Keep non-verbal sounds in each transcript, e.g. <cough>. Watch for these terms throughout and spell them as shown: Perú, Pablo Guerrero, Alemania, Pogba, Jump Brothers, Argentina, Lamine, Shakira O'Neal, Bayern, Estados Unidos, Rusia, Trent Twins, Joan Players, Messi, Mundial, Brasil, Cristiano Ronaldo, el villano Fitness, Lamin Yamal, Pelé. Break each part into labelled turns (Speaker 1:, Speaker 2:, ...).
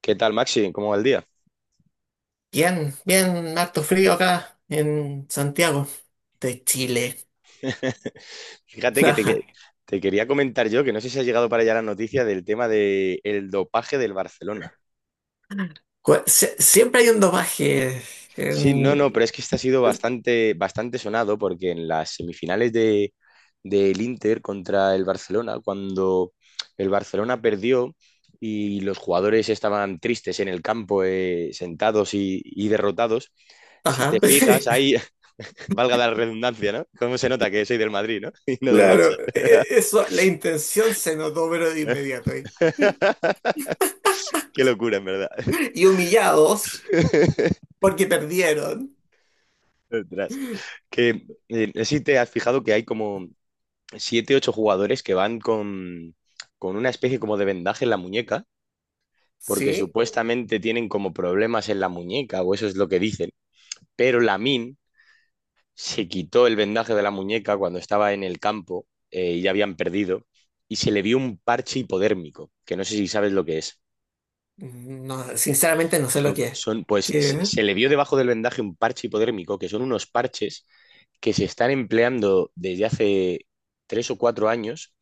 Speaker 1: ¿Qué tal, Maxi? ¿Cómo va el día?
Speaker 2: Bien, bien, harto frío acá en Santiago de Chile.
Speaker 1: <laughs> Fíjate que
Speaker 2: Ajá.
Speaker 1: te quería comentar yo, que no sé si ha llegado para allá la noticia del tema del dopaje del Barcelona.
Speaker 2: Siempre hay un dopaje
Speaker 1: Sí, no,
Speaker 2: en.
Speaker 1: no, pero es que este ha sido bastante, bastante sonado porque en las semifinales del Inter contra el Barcelona, cuando el Barcelona perdió y los jugadores estaban tristes en el campo, sentados y derrotados, si te
Speaker 2: Ajá.
Speaker 1: fijas,
Speaker 2: <laughs>
Speaker 1: ahí, <laughs> valga la redundancia, ¿no? ¿Cómo se nota que soy del Madrid, ¿no? <laughs> Y no del
Speaker 2: Claro, eso, la intención se notó, pero de inmediato ahí.
Speaker 1: Barça. <laughs> <laughs> Qué locura, en verdad.
Speaker 2: Y humillados
Speaker 1: <laughs>
Speaker 2: porque perdieron.
Speaker 1: Ostras. Que, no sé si te has fijado que hay como siete, ocho jugadores que van con una especie como de vendaje en la muñeca, porque
Speaker 2: ¿Sí?
Speaker 1: supuestamente tienen como problemas en la muñeca, o eso es lo que dicen. Pero Lamin se quitó el vendaje de la muñeca cuando estaba en el campo, y ya habían perdido, y se le vio un parche hipodérmico, que no sé si sabes lo que es.
Speaker 2: No, sinceramente no sé lo
Speaker 1: Son,
Speaker 2: que es.
Speaker 1: son- pues se
Speaker 2: ¿Qué?
Speaker 1: se le vio debajo del vendaje un parche hipodérmico, que son unos parches que se están empleando desde hace 3 o 4 años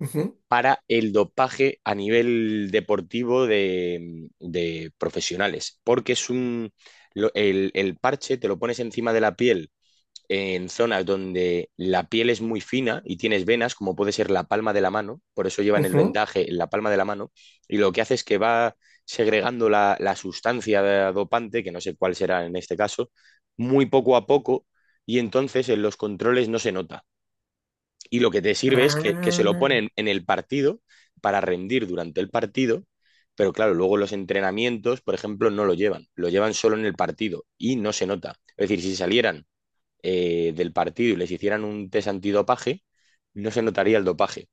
Speaker 2: Ujú,
Speaker 1: para el dopaje a nivel deportivo de profesionales, porque es un, lo- el parche te lo pones encima de la piel en zonas donde la piel es muy fina y tienes venas, como puede ser la palma de la mano, por eso llevan el
Speaker 2: ujú.
Speaker 1: vendaje en la palma de la mano, y lo que hace es que va segregando la sustancia dopante, que no sé cuál será en este caso, muy poco a poco, y entonces en los controles no se nota. Y lo que te sirve es que se lo
Speaker 2: Ah,
Speaker 1: ponen en el partido para rendir durante el partido, pero claro, luego los entrenamientos, por ejemplo, no lo llevan, lo llevan solo en el partido y no se nota. Es decir, si salieran, del partido y les hicieran un test antidopaje, no se notaría el dopaje.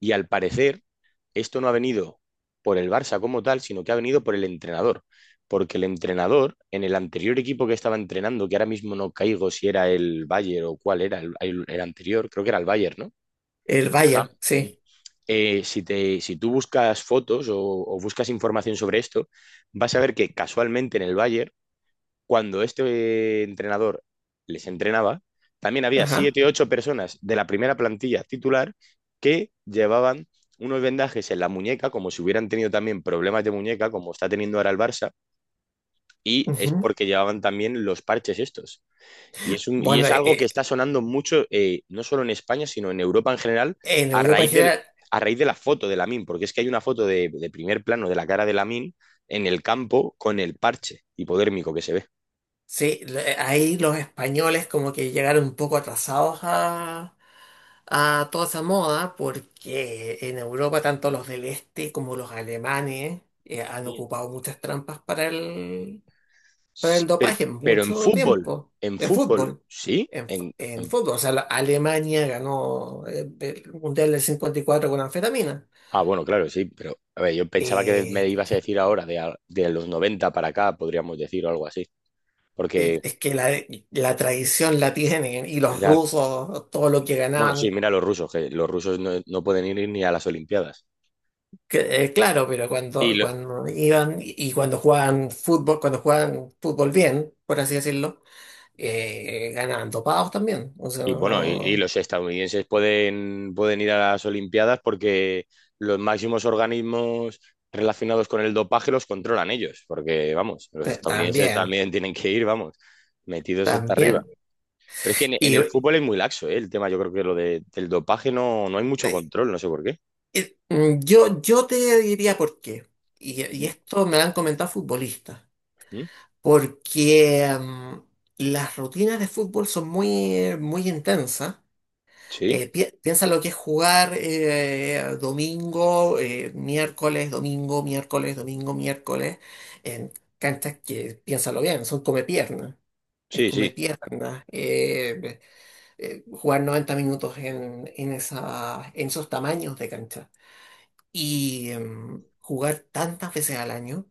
Speaker 1: Y al parecer, esto no ha venido por el Barça como tal, sino que ha venido por el entrenador. Porque el entrenador, en el anterior equipo que estaba entrenando, que ahora mismo no caigo si era el Bayern o cuál era el anterior, creo que era el Bayern, ¿no?
Speaker 2: el
Speaker 1: El Ham.
Speaker 2: Bayern, sí.
Speaker 1: Si te, si tú buscas fotos o buscas información sobre esto, vas a ver que casualmente en el Bayern cuando este entrenador les entrenaba, también había
Speaker 2: Ajá.
Speaker 1: siete, ocho personas de la primera plantilla titular que llevaban unos vendajes en la muñeca, como si hubieran tenido también problemas de muñeca, como está teniendo ahora el Barça, y es
Speaker 2: Ujú.
Speaker 1: porque llevaban también los parches estos. Y es, un, y
Speaker 2: Bueno,
Speaker 1: es algo que está sonando mucho, no solo en España, sino en Europa en general,
Speaker 2: en
Speaker 1: a
Speaker 2: Europa en
Speaker 1: raíz, del,
Speaker 2: general.
Speaker 1: a raíz de la foto de Lamin, porque es que hay una foto de primer plano de la cara de Lamin en el campo con el parche hipodérmico que se ve.
Speaker 2: Sí, ahí los españoles como que llegaron un poco atrasados a toda esa moda, porque en Europa tanto los del este como los alemanes han
Speaker 1: Sí.
Speaker 2: ocupado muchas trampas para el, para el
Speaker 1: Pero,
Speaker 2: dopaje en
Speaker 1: pero en
Speaker 2: mucho
Speaker 1: fútbol,
Speaker 2: tiempo,
Speaker 1: en
Speaker 2: en
Speaker 1: fútbol,
Speaker 2: fútbol.
Speaker 1: sí.
Speaker 2: En, fu-
Speaker 1: En,
Speaker 2: en
Speaker 1: en-
Speaker 2: fútbol, o sea, Alemania ganó el Mundial del 54 con anfetamina.
Speaker 1: ah, bueno, claro, sí, pero a ver, yo pensaba que
Speaker 2: Eh,
Speaker 1: me ibas a decir ahora, de los 90 para acá, podríamos decir, o algo así. Porque,
Speaker 2: es que la tradición la tienen y los
Speaker 1: ya,
Speaker 2: rusos, todo lo que
Speaker 1: bueno, sí,
Speaker 2: ganaban.
Speaker 1: mira los rusos, que los rusos no pueden ir ni a las Olimpiadas.
Speaker 2: Que, claro, pero
Speaker 1: Y,
Speaker 2: cuando,
Speaker 1: lo-
Speaker 2: cuando iban y cuando jugaban fútbol bien, por así decirlo, ganaban dopados también. O sea,
Speaker 1: y bueno, y los estadounidenses pueden ir a las Olimpiadas porque los máximos organismos relacionados con el dopaje los controlan ellos, porque, vamos, los estadounidenses
Speaker 2: también,
Speaker 1: también tienen que ir, vamos, metidos hasta arriba.
Speaker 2: también.
Speaker 1: Pero es que en
Speaker 2: Y
Speaker 1: el fútbol es muy laxo, ¿eh? El tema, yo creo que del dopaje no hay mucho control, no sé por qué.
Speaker 2: eh, mm, yo, yo te diría por qué. Y
Speaker 1: Ujú,
Speaker 2: esto me lo han comentado futbolistas.
Speaker 1: ujú.
Speaker 2: Porque las rutinas de fútbol son muy, muy intensas.
Speaker 1: Sí,
Speaker 2: Piensa lo que es jugar domingo, miércoles, domingo, miércoles, domingo, miércoles, en canchas que, piénsalo bien, son come piernas. Es
Speaker 1: sí, sí.
Speaker 2: come piernas. Jugar 90 minutos en esos tamaños de cancha. Y jugar tantas veces al año.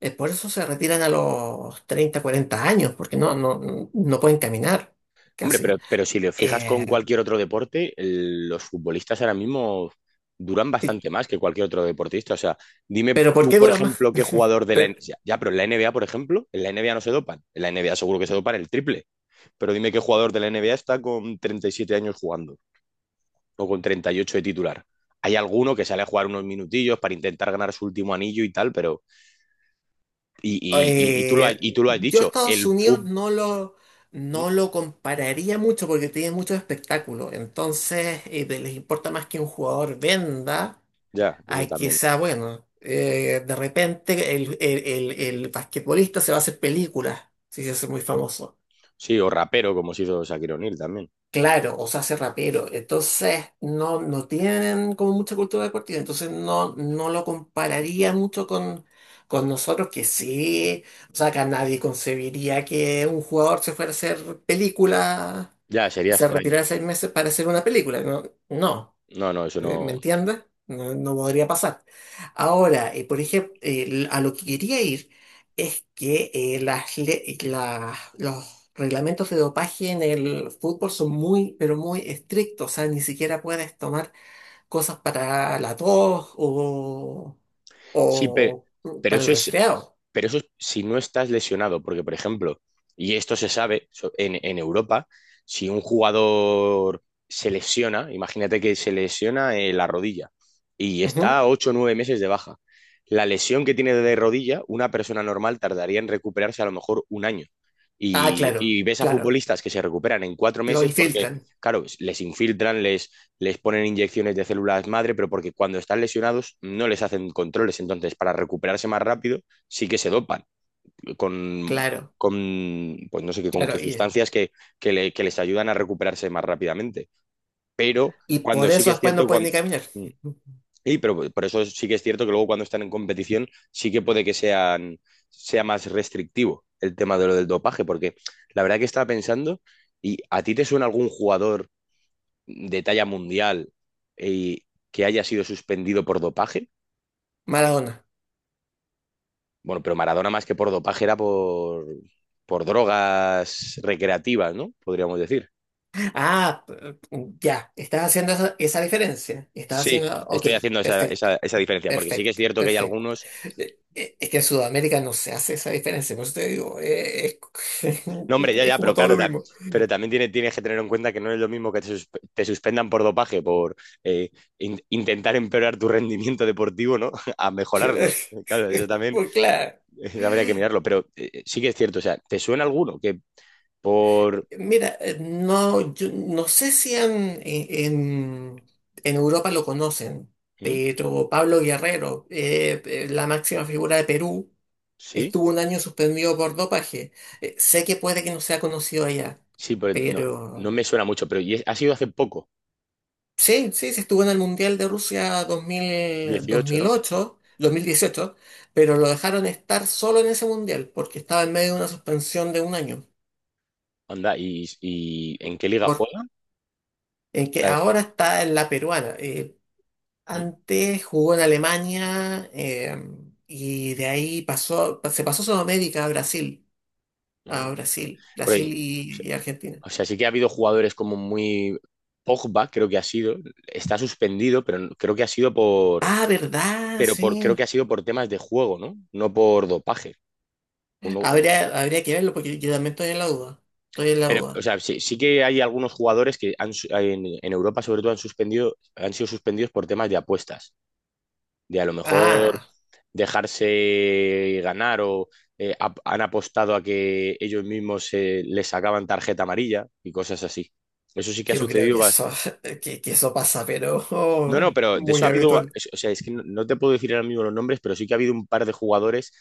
Speaker 2: Por eso se retiran a los 30 40 años, porque no pueden caminar
Speaker 1: Hombre, pero,
Speaker 2: casi.
Speaker 1: pero si lo fijas con
Speaker 2: Eh,
Speaker 1: cualquier otro deporte, los futbolistas ahora mismo duran bastante más que cualquier otro deportista. O sea, dime
Speaker 2: pero ¿por
Speaker 1: tú,
Speaker 2: qué
Speaker 1: por
Speaker 2: dura más?
Speaker 1: ejemplo, qué
Speaker 2: <laughs>
Speaker 1: jugador de la
Speaker 2: Pero,
Speaker 1: NBA. Ya, ya, pero en la NBA, por ejemplo, en la NBA no se dopan. En la NBA seguro que se dopan el triple. Pero dime qué jugador de la NBA está con 37 años jugando, o con 38 de titular. Hay alguno que sale a jugar unos minutillos para intentar ganar su último anillo y tal, pero.
Speaker 2: Eh,
Speaker 1: Y tú lo has
Speaker 2: yo
Speaker 1: dicho,
Speaker 2: Estados
Speaker 1: el
Speaker 2: Unidos
Speaker 1: fútbol.
Speaker 2: no lo compararía mucho porque tiene muchos espectáculos. Entonces, les importa más que un jugador venda
Speaker 1: Ya,
Speaker 2: a
Speaker 1: eso
Speaker 2: que
Speaker 1: también.
Speaker 2: sea bueno. De repente el basquetbolista se va a hacer películas si se hace muy famoso.
Speaker 1: Sí, o rapero, como se hizo Shakira O'Neal también.
Speaker 2: Claro, o se hace rapero. Entonces, no tienen como mucha cultura de deportiva. Entonces, no lo compararía mucho con nosotros, que sí. O sea, acá nadie concebiría que un jugador se fuera a hacer película,
Speaker 1: Ya, sería
Speaker 2: se
Speaker 1: extraño.
Speaker 2: retirara 6 meses para hacer una película. No, no.
Speaker 1: No, no, eso
Speaker 2: ¿Me
Speaker 1: no.
Speaker 2: entiendes? No, no podría pasar. Ahora, por ejemplo, a lo que quería ir es que los reglamentos de dopaje en el fútbol son muy, pero muy estrictos. O sea, ni siquiera puedes tomar cosas para la tos o,
Speaker 1: Sí,
Speaker 2: o
Speaker 1: pero
Speaker 2: para el
Speaker 1: eso es
Speaker 2: resfriado.
Speaker 1: pero eso es si no estás lesionado, porque, por ejemplo, y esto se sabe, en Europa, si un jugador se lesiona, imagínate que se lesiona, la rodilla, y está
Speaker 2: Ujú.
Speaker 1: ocho o 9 meses de baja. La lesión que tiene de rodilla, una persona normal tardaría en recuperarse a lo mejor un año.
Speaker 2: Ah,
Speaker 1: Y,
Speaker 2: claro,
Speaker 1: y ves a
Speaker 2: claro.
Speaker 1: futbolistas que se recuperan en cuatro
Speaker 2: Lo
Speaker 1: meses porque,
Speaker 2: infiltran.
Speaker 1: claro, les infiltran, les ponen inyecciones de células madre, pero porque cuando están lesionados no les hacen controles. Entonces, para recuperarse más rápido, sí que se dopan con,
Speaker 2: Claro,
Speaker 1: pues no sé qué, con
Speaker 2: claro.
Speaker 1: qué
Speaker 2: Y,
Speaker 1: sustancias que, que les ayudan a recuperarse más rápidamente. Pero
Speaker 2: y
Speaker 1: cuando
Speaker 2: por
Speaker 1: sí
Speaker 2: eso
Speaker 1: que es
Speaker 2: después no
Speaker 1: cierto,
Speaker 2: pueden
Speaker 1: cuando...
Speaker 2: ni caminar.
Speaker 1: Y, pero por eso sí que es cierto que luego cuando están en competición sí que puede que sea más restrictivo el tema de lo del dopaje, porque la verdad que estaba pensando, ¿y a ti te suena algún jugador de talla mundial, eh, que haya sido suspendido por dopaje?
Speaker 2: <laughs> Maradona.
Speaker 1: Bueno, pero Maradona más que por dopaje era por drogas recreativas, ¿no? Podríamos decir.
Speaker 2: Ah, ya, estás haciendo esa diferencia. Estás
Speaker 1: Sí,
Speaker 2: haciendo, ok,
Speaker 1: estoy haciendo esa,
Speaker 2: perfecto,
Speaker 1: esa diferencia, porque sí que es
Speaker 2: perfecto,
Speaker 1: cierto que hay
Speaker 2: perfecto.
Speaker 1: algunos...
Speaker 2: Es que en Sudamérica no se hace esa diferencia, por eso te digo, es, <laughs>
Speaker 1: No, hombre, ya,
Speaker 2: es
Speaker 1: ya,
Speaker 2: como
Speaker 1: pero
Speaker 2: todo
Speaker 1: claro,
Speaker 2: lo mismo.
Speaker 1: pero también tienes que tener en cuenta que no es lo mismo que te, te suspendan por dopaje, por eh, intentar empeorar tu rendimiento deportivo, ¿no? <laughs> A mejorarlo. Claro, eso
Speaker 2: <laughs>
Speaker 1: también.
Speaker 2: Pues claro,
Speaker 1: Eso habría que mirarlo, pero sí que es cierto. O sea, ¿te suena alguno que por...?
Speaker 2: mira, no, yo no sé si en, en Europa lo conocen,
Speaker 1: ¿Mm?
Speaker 2: pero Pablo Guerrero, la máxima figura de Perú.
Speaker 1: ¿Sí?
Speaker 2: Estuvo un año suspendido por dopaje. Sé que puede que no sea conocido allá,
Speaker 1: Sí, pero no, no
Speaker 2: pero
Speaker 1: me suena mucho, pero ¿y ha sido hace poco?
Speaker 2: sí, sí, sí estuvo en el Mundial de Rusia
Speaker 1: Dieciocho, ¿no?
Speaker 2: 2018, pero lo dejaron estar solo en ese Mundial porque estaba en medio de una suspensión de un año,
Speaker 1: Anda, y en qué liga
Speaker 2: por,
Speaker 1: juega?
Speaker 2: en que
Speaker 1: La de-
Speaker 2: ahora está en la peruana. Eh,
Speaker 1: mm,
Speaker 2: antes jugó en Alemania y de ahí se pasó Sudamérica a Brasil, a
Speaker 1: mm,
Speaker 2: Brasil,
Speaker 1: por ahí.
Speaker 2: Brasil y Argentina.
Speaker 1: O sea, sí que ha habido jugadores como muy... Pogba, creo que ha sido, está suspendido, pero creo que ha sido por...
Speaker 2: Ah, ¿verdad?
Speaker 1: Pero por, creo
Speaker 2: Sí.
Speaker 1: que ha sido por temas de juego, ¿no? No por dopaje. O no- o-
Speaker 2: Habría que verlo porque yo también estoy en la duda. Estoy en la
Speaker 1: Pero, o
Speaker 2: duda.
Speaker 1: sea, sí, sí que hay algunos jugadores que han, en Europa, sobre todo, han suspendido, han sido suspendidos por temas de apuestas. De a lo mejor
Speaker 2: Ah,
Speaker 1: dejarse ganar o, han apostado a que ellos mismos, les sacaban tarjeta amarilla y cosas así. Eso sí que ha
Speaker 2: yo creo que
Speaker 1: sucedido.
Speaker 2: <laughs> que eso pasa, pero <laughs>
Speaker 1: No, no,
Speaker 2: oh,
Speaker 1: pero de eso
Speaker 2: muy
Speaker 1: ha habido,
Speaker 2: habitual.
Speaker 1: o sea, es que no, te puedo decir ahora mismo los nombres, pero sí que ha habido un par de jugadores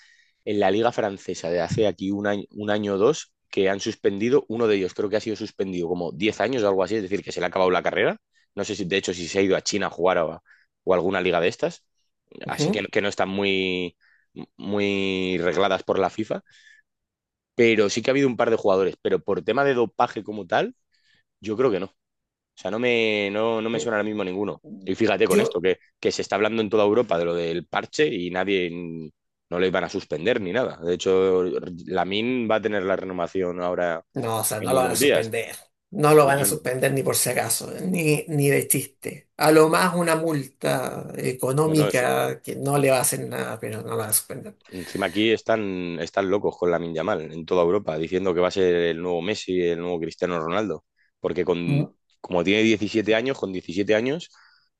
Speaker 1: en la liga francesa de hace aquí un año o dos que han suspendido, uno de ellos creo que ha sido suspendido como 10 años o algo así, es decir, que se le ha acabado la carrera. No sé si, de hecho, si se ha ido a China a jugar, o, o a alguna liga de estas, así que no,
Speaker 2: Ujú.
Speaker 1: que no están muy, muy regladas por la FIFA, pero sí que ha habido un par de jugadores, pero por tema de dopaje como tal, yo creo que no. O sea, no me, no me suena ahora mismo ninguno. Y fíjate con
Speaker 2: Yo,
Speaker 1: esto, que se está hablando en toda Europa de lo del parche y nadie, no le iban a suspender ni nada. De hecho, Lamin va a tener la renovación ahora
Speaker 2: no, o sea,
Speaker 1: en
Speaker 2: no lo van a
Speaker 1: unos días,
Speaker 2: suspender. No lo van a
Speaker 1: obviamente.
Speaker 2: suspender ni por si acaso, ni de chiste. A lo más una multa
Speaker 1: No, no, sí.
Speaker 2: económica que no le va a hacer nada, pero no lo van a suspender.
Speaker 1: Encima aquí están, están locos con Lamin Yamal en toda Europa, diciendo que va a ser el nuevo Messi, el nuevo Cristiano Ronaldo. Porque con, como tiene 17 años, con 17 años,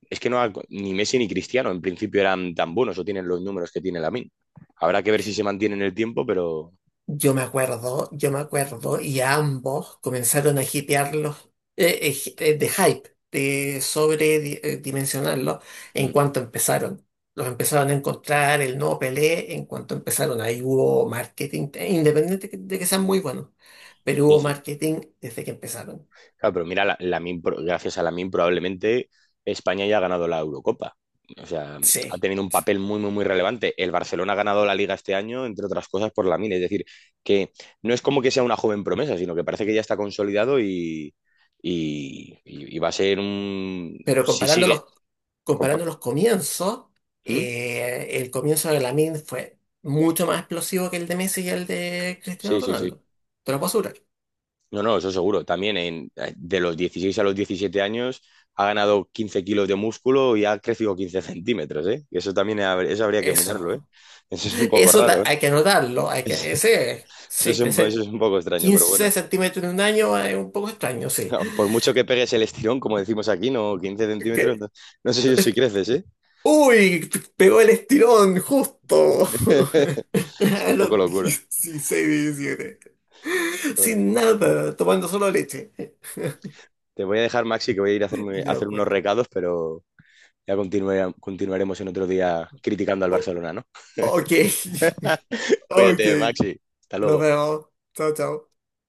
Speaker 1: es que ni Messi ni Cristiano en principio eran tan buenos o tienen los números que tiene Lamin. Habrá que ver si se mantiene en el tiempo, pero,
Speaker 2: Yo me acuerdo, y ambos comenzaron a hipearlos, de hype, de sobredimensionarlos en
Speaker 1: mm,
Speaker 2: cuanto empezaron. Los empezaron a encontrar el nuevo Pelé en cuanto empezaron. Ahí hubo marketing, independiente de que sean muy buenos, pero
Speaker 1: sí,
Speaker 2: hubo
Speaker 1: sí,
Speaker 2: marketing desde que empezaron.
Speaker 1: claro, pero mira, la, gracias a Lamin probablemente España ya ha ganado la Eurocopa. O sea, ha
Speaker 2: Sí,
Speaker 1: tenido un
Speaker 2: sí.
Speaker 1: papel muy, muy, muy relevante. El Barcelona ha ganado la Liga este año, entre otras cosas, por Lamin. Es decir, que no es como que sea una joven promesa, sino que parece que ya está consolidado y, y va a ser un...
Speaker 2: Pero
Speaker 1: Si sigue...
Speaker 2: comparándolos
Speaker 1: compa-
Speaker 2: comparando los comienzos,
Speaker 1: ¿Mm?
Speaker 2: el comienzo de Lamine fue mucho más explosivo que el de Messi y el de Cristiano
Speaker 1: Sí, sí, sí.
Speaker 2: Ronaldo. Te lo puedo asegurar.
Speaker 1: No, no, eso seguro. También en, de los 16 a los 17 años ha ganado 15 kilos de músculo y ha crecido 15 centímetros, ¿eh? Y eso también, eso habría que
Speaker 2: Eso,
Speaker 1: mirarlo, ¿eh? Eso es un poco
Speaker 2: eso,
Speaker 1: raro, ¿eh?
Speaker 2: hay que anotarlo,
Speaker 1: Eso, eso
Speaker 2: sí,
Speaker 1: es un, eso es
Speaker 2: crecer
Speaker 1: un poco extraño, pero
Speaker 2: 15
Speaker 1: bueno.
Speaker 2: centímetros en un año es un poco extraño, sí.
Speaker 1: <laughs> Por mucho que pegues el estirón, como decimos aquí, no, 15 centímetros, no,
Speaker 2: Que-
Speaker 1: no sé yo si creces, ¿eh?
Speaker 2: uy, pegó el estirón justo.
Speaker 1: <laughs>
Speaker 2: <laughs>
Speaker 1: Es
Speaker 2: A
Speaker 1: un poco
Speaker 2: los
Speaker 1: locura.
Speaker 2: 16, 17.
Speaker 1: Bueno,
Speaker 2: Sin nada, tomando solo leche.
Speaker 1: te voy a dejar, Maxi, que voy a ir a, hacerme, a
Speaker 2: Ya
Speaker 1: hacer unos
Speaker 2: pues.
Speaker 1: recados, pero ya continuaremos en otro día criticando al
Speaker 2: O-
Speaker 1: Barcelona, ¿no?
Speaker 2: ok,
Speaker 1: <laughs>
Speaker 2: <laughs> ok.
Speaker 1: Cuídate, Maxi. Hasta
Speaker 2: Nos
Speaker 1: luego.
Speaker 2: vemos. Chao, chao.